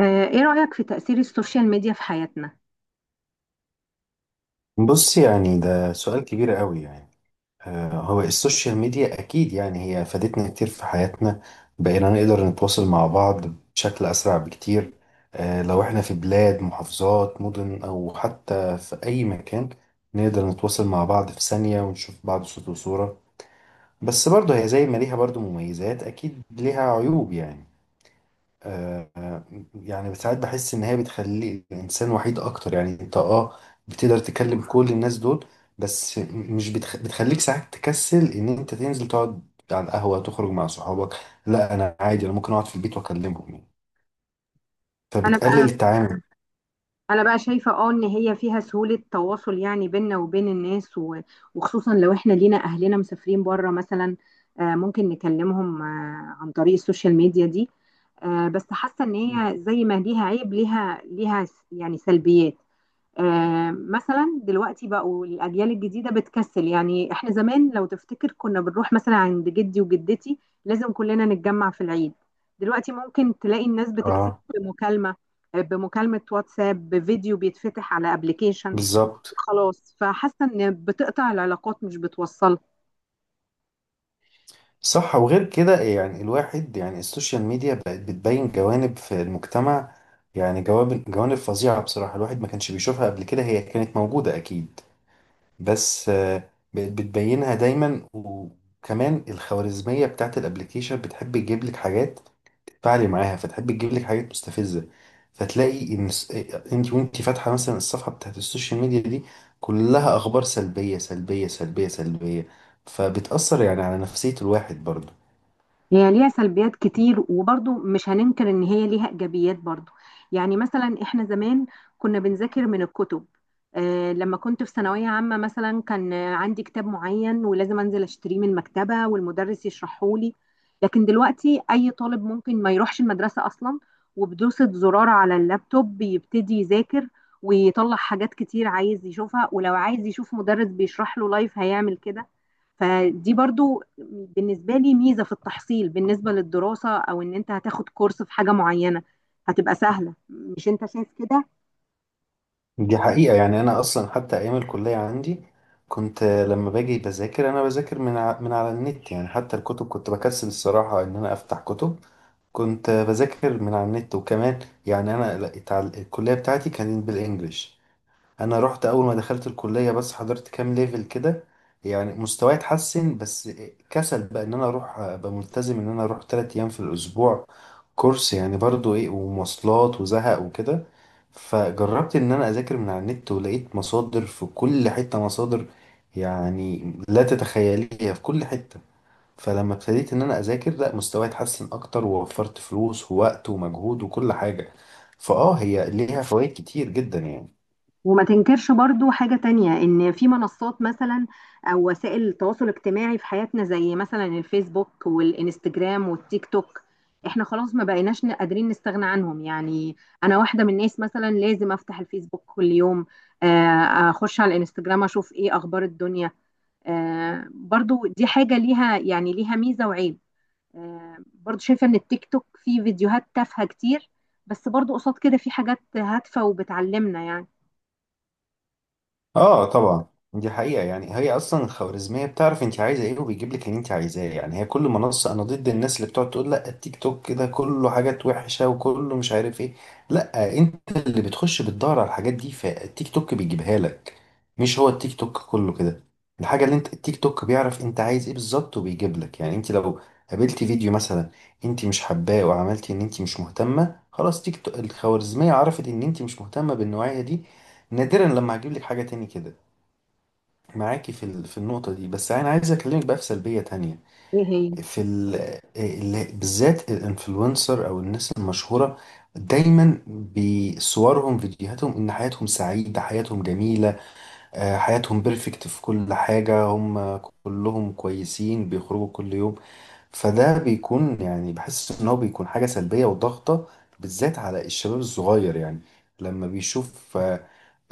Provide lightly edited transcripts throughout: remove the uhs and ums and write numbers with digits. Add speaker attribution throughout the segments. Speaker 1: ايه رأيك في تأثير السوشيال ميديا في حياتنا؟
Speaker 2: بص يعني ده سؤال كبير قوي يعني. هو السوشيال ميديا أكيد يعني هي فادتنا كتير في حياتنا. بقينا نقدر نتواصل مع بعض بشكل أسرع بكتير. لو إحنا في بلاد محافظات مدن أو حتى في أي مكان، نقدر نتواصل مع بعض في ثانية ونشوف بعض صوت وصورة. بس برضه هي زي ما ليها برضه مميزات أكيد ليها عيوب يعني. آه، آه، يعني ساعات بحس ان هي بتخلي الانسان وحيد اكتر. يعني انت بتقدر تكلم كل الناس دول، بس مش بتخليك ساعات تكسل ان انت تنزل تقعد على القهوة تخرج مع صحابك. لا انا عادي، انا ممكن اقعد في البيت واكلمهم يعني،
Speaker 1: انا
Speaker 2: فبتقلل
Speaker 1: بقى
Speaker 2: التعامل.
Speaker 1: انا بقى شايفة ان هي فيها سهولة تواصل، يعني بيننا وبين الناس وخصوصا لو احنا لينا اهلنا مسافرين بره مثلا. ممكن نكلمهم عن طريق السوشيال ميديا دي. بس حاسة ان هي زي ما ليها عيب، ليها يعني سلبيات. مثلا دلوقتي بقوا الاجيال الجديده بتكسل، يعني احنا زمان لو تفتكر كنا بنروح مثلا عند جدي وجدتي، لازم كلنا نتجمع في العيد. دلوقتي ممكن تلاقي الناس بتكتب
Speaker 2: اه،
Speaker 1: بمكالمه بمكالمه واتساب، بفيديو بيتفتح على ابلكيشن،
Speaker 2: بالظبط.
Speaker 1: وخلاص. فحاسه ان بتقطع العلاقات مش بتوصلها.
Speaker 2: صح، وغير كده يعني الواحد يعني السوشيال ميديا بقت بتبين جوانب في المجتمع. يعني جوانب فظيعة بصراحة الواحد ما كانش بيشوفها قبل كده، هي كانت موجودة اكيد، بس بقت بتبينها دايما. وكمان الخوارزمية بتاعت الابليكيشن بتحب تجيب لك حاجات تتفاعلي معاها، فتحب تجيب لك حاجات مستفزة. فتلاقي ان انت وانت فاتحة مثلا الصفحة بتاعت السوشيال ميديا دي كلها اخبار سلبية سلبية سلبية سلبية، فبتأثر يعني على نفسية الواحد برضه.
Speaker 1: هي ليها سلبيات كتير، وبرضو مش هننكر ان هي ليها ايجابيات برضو. يعني مثلا احنا زمان كنا بنذاكر من الكتب. لما كنت في ثانوية عامة مثلا كان عندي كتاب معين، ولازم انزل اشتريه من المكتبة والمدرس يشرحه لي. لكن دلوقتي اي طالب ممكن ما يروحش المدرسة اصلا، وبدوسة زرار على اللابتوب بيبتدي يذاكر ويطلع حاجات كتير عايز يشوفها، ولو عايز يشوف مدرس بيشرح له لايف هيعمل كده. فدي برضو بالنسبة لي ميزة في التحصيل، بالنسبة للدراسة أو إن أنت هتاخد كورس في حاجة معينة هتبقى سهلة. مش أنت شايف كده؟
Speaker 2: دي حقيقة، يعني انا اصلا حتى ايام الكلية عندي كنت، لما باجي بذاكر انا بذاكر من على النت. يعني حتى الكتب كنت بكسل الصراحة ان انا افتح كتب، كنت بذاكر من على النت. وكمان يعني انا لا- اتع- الكليه بتاعتي كانت بالانجلش. انا رحت اول ما دخلت الكليه، بس حضرت كام ليفل كده، يعني مستواي اتحسن. بس كسل بقى ان انا اروح ابقى ملتزم ان انا اروح تلات ايام في الاسبوع كورس، يعني برضو ايه ومواصلات وزهق وكده. فجربت ان انا اذاكر من على النت، ولقيت مصادر في كل حته، مصادر يعني لا تتخيليها، في كل حته. فلما ابتديت ان انا اذاكر، لا مستواي اتحسن اكتر ووفرت فلوس ووقت ومجهود وكل حاجه. فاه هي ليها فوائد كتير جدا يعني.
Speaker 1: وما تنكرش برضو حاجة تانية، إن في منصات مثلا أو وسائل التواصل الاجتماعي في حياتنا زي مثلا الفيسبوك والإنستجرام والتيك توك. إحنا خلاص ما بقيناش قادرين نستغنى عنهم يعني. أنا واحدة من الناس مثلا لازم أفتح الفيسبوك كل يوم. أخش على الإنستجرام أشوف إيه أخبار الدنيا. برضو دي حاجة ليها ميزة وعيب. برضو شايفة ان التيك توك فيه فيديوهات تافهة كتير، بس برضو قصاد كده في حاجات هادفة وبتعلمنا يعني.
Speaker 2: اه طبعا. دي حقيقة، يعني هي اصلا الخوارزمية بتعرف انت عايزة ايه وبيجيب لك اللي انت عايزاه. يعني هي كل منصة، انا ضد الناس اللي بتقعد تقول لا التيك توك كده كله حاجات وحشة وكله مش عارف ايه. لا، انت اللي بتخش بتدور على الحاجات دي فالتيك توك بيجيبها لك، مش هو التيك توك كله كده. الحاجة اللي انت، التيك توك بيعرف انت عايز ايه بالظبط وبيجيب لك. يعني انت لو قابلتي فيديو مثلا انت مش حباه وعملتي ان انت مش مهتمة، خلاص تيك توك الخوارزمية عرفت ان انت مش مهتمة بالنوعية دي، نادرا لما هجيب لك حاجة تاني كده. معاكي في في النقطة دي، بس أنا عايز أكلمك بقى في سلبية تانية.
Speaker 1: ايه هي؟
Speaker 2: في ال آه، ال بالذات الانفلونسر أو الناس المشهورة، دايما بصورهم فيديوهاتهم إن حياتهم سعيدة حياتهم جميلة، حياتهم بيرفكت في كل حاجة. هم كلهم كويسين بيخرجوا كل يوم. فده بيكون يعني بحس إن هو بيكون حاجة سلبية وضغطة، بالذات على الشباب الصغير. يعني لما بيشوف،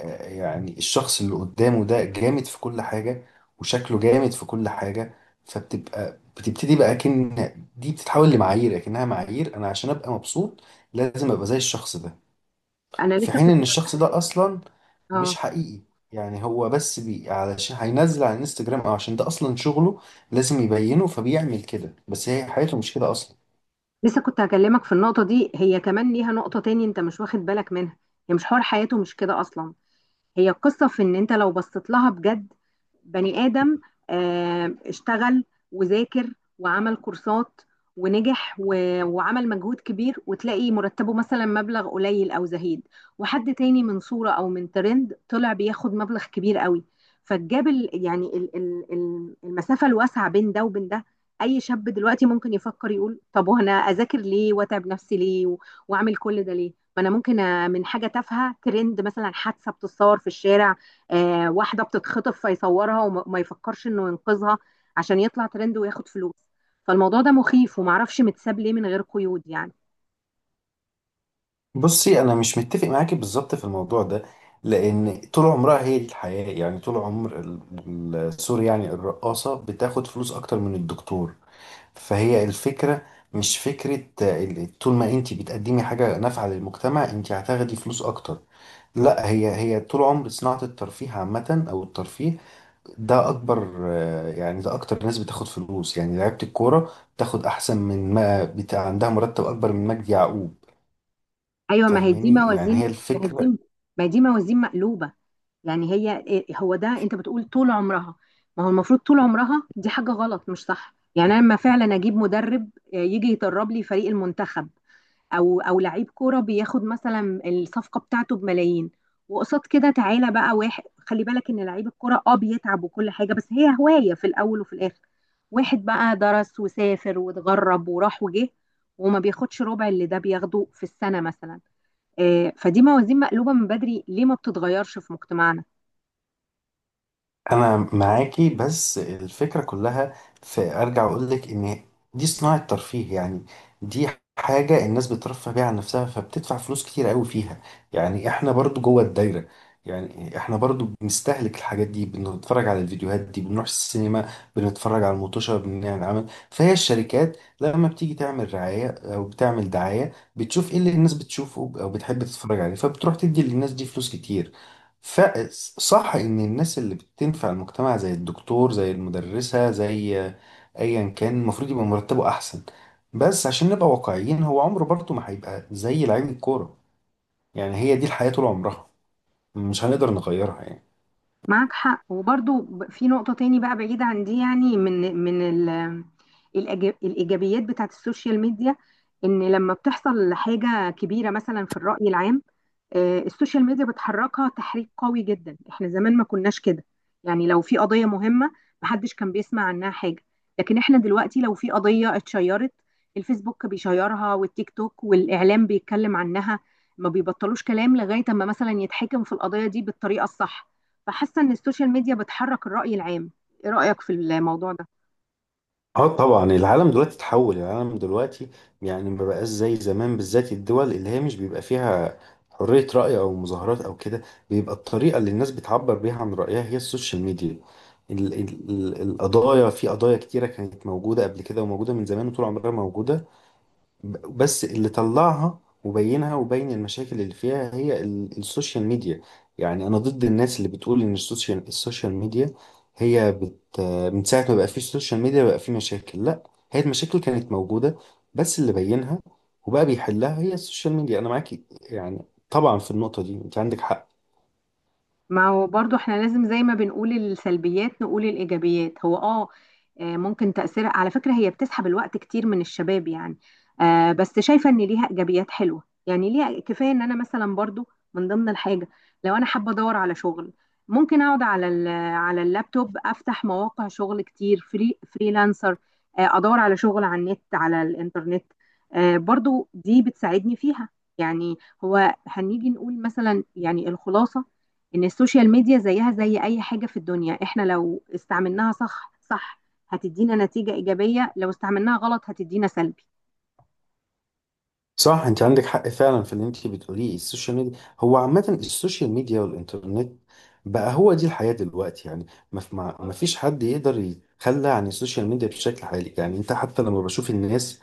Speaker 2: يعني الشخص اللي قدامه ده جامد في كل حاجة وشكله جامد في كل حاجة، بتبتدي بقى كأن دي بتتحول لمعايير، كأنها معايير أنا عشان أبقى مبسوط لازم أبقى زي الشخص ده.
Speaker 1: انا
Speaker 2: في
Speaker 1: لسه
Speaker 2: حين
Speaker 1: كنت
Speaker 2: إن الشخص ده أصلا مش
Speaker 1: اه
Speaker 2: حقيقي. يعني هو بس بي علشان هينزل على الانستجرام، أو عشان ده أصلا شغله لازم يبينه، فبيعمل كده بس هي حياته مش كده أصلا.
Speaker 1: لسه كنت هكلمك في النقطة دي. هي كمان ليها نقطة تاني انت مش واخد بالك منها. هي مش حوار، حياته مش كده اصلا. هي القصة في ان انت لو بصيت لها بجد، بني آدم اشتغل وذاكر وعمل كورسات ونجح وعمل مجهود كبير، وتلاقي مرتبه مثلا مبلغ قليل او زهيد، وحد تاني من صورة او من ترند طلع بياخد مبلغ كبير قوي. فالجاب المسافة الواسعة بين ده وبين ده. اي شاب دلوقتي ممكن يفكر يقول: طب وانا اذاكر ليه واتعب نفسي ليه واعمل كل ده ليه؟ ما انا ممكن من حاجه تافهه ترند، مثلا حادثه بتتصور في الشارع، واحده بتتخطف فيصورها وما ما يفكرش انه ينقذها، عشان يطلع ترند وياخد فلوس. فالموضوع ده مخيف، ومعرفش متساب ليه من غير قيود يعني.
Speaker 2: بصي انا مش متفق معاكي بالظبط في الموضوع ده، لان طول عمرها هي دي الحياه. يعني طول عمر سوري، يعني الرقاصه بتاخد فلوس اكتر من الدكتور. فهي الفكره مش فكره طول ما انت بتقدمي حاجه نافعه للمجتمع انت هتاخدي فلوس اكتر، لا. هي هي طول عمر صناعه الترفيه عامه، او الترفيه ده اكبر يعني ده اكتر ناس بتاخد فلوس. يعني لعيبه الكوره بتاخد احسن من، ما بتاع عندها مرتب اكبر من مجدي يعقوب.
Speaker 1: ايوه،
Speaker 2: فاهماني يعني، هي
Speaker 1: ما هي دي
Speaker 2: الفكرة.
Speaker 1: ما هي دي موازين مقلوبه. يعني هي هو ده انت بتقول طول عمرها. ما هو المفروض طول عمرها دي حاجه غلط مش صح. يعني انا لما فعلا اجيب مدرب يجي يدرب لي فريق المنتخب، او لعيب كوره بياخد مثلا الصفقه بتاعته بملايين، وقصاد كده تعالى بقى واحد خلي بالك ان لعيب الكوره بيتعب وكل حاجه، بس هي هوايه في الاول وفي الاخر. واحد بقى درس وسافر واتغرب وراح وجه، وما بياخدش ربع اللي ده بياخده في السنه مثلا. فدي موازين مقلوبه من بدري، ليه ما بتتغيرش في مجتمعنا؟
Speaker 2: انا معاكي بس الفكره كلها في، ارجع اقول لك ان دي صناعه ترفيه يعني. دي حاجه الناس بترفه بيها عن نفسها فبتدفع فلوس كتير قوي فيها. يعني احنا برضو جوه الدايره، يعني احنا برضو بنستهلك الحاجات دي، بنتفرج على الفيديوهات دي، بنروح السينما، بنتفرج على المطوشه، بنعمل عمل. فهي الشركات لما بتيجي تعمل رعايه او بتعمل دعايه بتشوف ايه اللي الناس بتشوفه او بتحب تتفرج عليه، فبتروح تدي للناس دي فلوس كتير. فصح ان الناس اللي بتنفع المجتمع زي الدكتور زي المدرسة زي ايا كان المفروض يبقى مرتبه احسن، بس عشان نبقى واقعيين هو عمره برضه ما هيبقى زي لعيب الكورة. يعني هي دي الحياة طول عمرها، مش هنقدر نغيرها يعني.
Speaker 1: معاك حق. وبرضو في نقطة تاني بقى بعيد عن دي، يعني من الإيجابيات بتاعت السوشيال ميديا، إن لما بتحصل حاجة كبيرة مثلا في الرأي العام، السوشيال ميديا بتحركها تحريك قوي جدا. احنا زمان ما كناش كده. يعني لو في قضية مهمة، محدش كان بيسمع عنها حاجة. لكن احنا دلوقتي لو في قضية اتشيرت، الفيسبوك بيشيرها والتيك توك والإعلام بيتكلم عنها، ما بيبطلوش كلام لغاية اما مثلا يتحكم في القضية دي بالطريقة الصح. فحاسة ان السوشيال ميديا بتحرك الرأي العام. ايه رأيك في الموضوع ده؟
Speaker 2: اه طبعا. العالم دلوقتي اتحول، العالم دلوقتي يعني ما بقاش زي زمان. بالذات الدول اللي هي مش بيبقى فيها حرية رأي أو مظاهرات أو كده، بيبقى الطريقة اللي الناس بتعبر بيها عن رأيها هي السوشيال ميديا. ال ال ال القضايا، في قضايا كتيرة كانت موجودة قبل كده وموجودة من زمان وطول عمرها موجودة، بس اللي طلعها وبينها وبين المشاكل اللي فيها هي ال السوشيال ميديا. يعني أنا ضد الناس اللي بتقول إن السوشيال ميديا هي، من ساعة ما بقى فيه السوشيال ميديا بقى فيه مشاكل، لا. هي المشاكل كانت موجودة، بس اللي بينها وبقى بيحلها هي السوشيال ميديا. أنا معاكي يعني، طبعا في النقطة دي أنت عندك حق.
Speaker 1: ما هو برضو احنا لازم زي ما بنقول السلبيات نقول الإيجابيات. هو ممكن تأثيرها على فكرة هي بتسحب الوقت كتير من الشباب يعني. بس شايفة ان ليها إيجابيات حلوة، يعني ليها كفاية ان انا مثلا برضو من ضمن الحاجة، لو انا حابة ادور على شغل ممكن اقعد على اللابتوب افتح مواقع شغل كتير، فريلانسر. ادور على شغل على النت على الانترنت. برضو دي بتساعدني فيها يعني. هو هنيجي نقول مثلا يعني الخلاصة، ان السوشيال ميديا زيها زي اي حاجه في الدنيا، احنا لو استعملناها صح صح هتدينا نتيجه ايجابيه، لو استعملناها غلط هتدينا سلبي.
Speaker 2: صح، انت عندك حق فعلا في اللي انت بتقوليه. السوشيال ميديا هو عامة السوشيال ميديا والانترنت بقى هو دي الحياة دلوقتي يعني. ما في- ما ما فيش حد يقدر يتخلى عن السوشيال ميديا بشكل حالي. يعني انت حتى لما بشوف الناس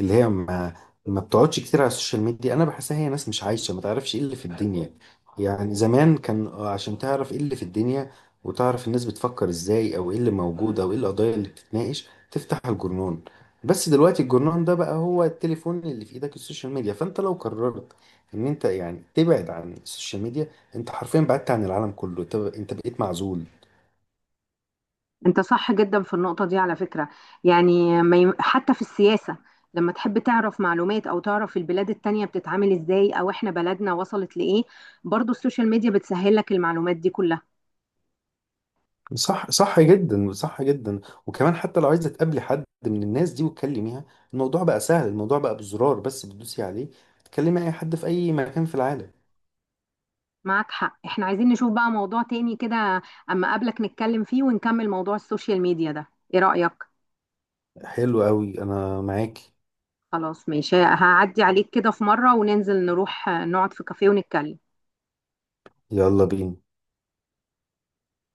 Speaker 2: اللي هي ما بتقعدش كتير على السوشيال ميديا، انا بحسها هي ناس مش عايشة، ما تعرفش ايه اللي في الدنيا. يعني زمان كان عشان تعرف ايه اللي في الدنيا وتعرف الناس بتفكر ازاي او ايه اللي موجود او ايه القضايا اللي بتتناقش تفتح الجرنان، بس دلوقتي الجرنان ده بقى هو التليفون اللي في ايدك، السوشيال ميديا. فانت لو قررت ان انت يعني تبعد عن السوشيال ميديا، انت حرفيا بعدت عن العالم كله، انت بقيت معزول.
Speaker 1: انت صح جدا في النقطه دي على فكره. يعني ما يم- حتى في السياسه، لما تحب تعرف معلومات او تعرف البلاد التانية بتتعامل ازاي، او احنا بلدنا وصلت لايه، برضو السوشيال ميديا بتسهل لك المعلومات دي كلها.
Speaker 2: صح، صح جدا، صح جدا. وكمان حتى لو عايزه تقابلي حد من الناس دي وتكلميها، الموضوع بقى سهل، الموضوع بقى بزرار بس بتدوسي عليه، تكلمي اي حد في اي مكان في العالم.
Speaker 1: معك حق. احنا عايزين نشوف بقى موضوع تاني كده اما اقابلك نتكلم فيه ونكمل موضوع السوشيال ميديا ده. ايه رأيك؟
Speaker 2: حلو قوي، انا معاك.
Speaker 1: خلاص ماشي، هعدي عليك كده في مرة وننزل نروح نقعد في كافيه ونتكلم.
Speaker 2: يلا بينا.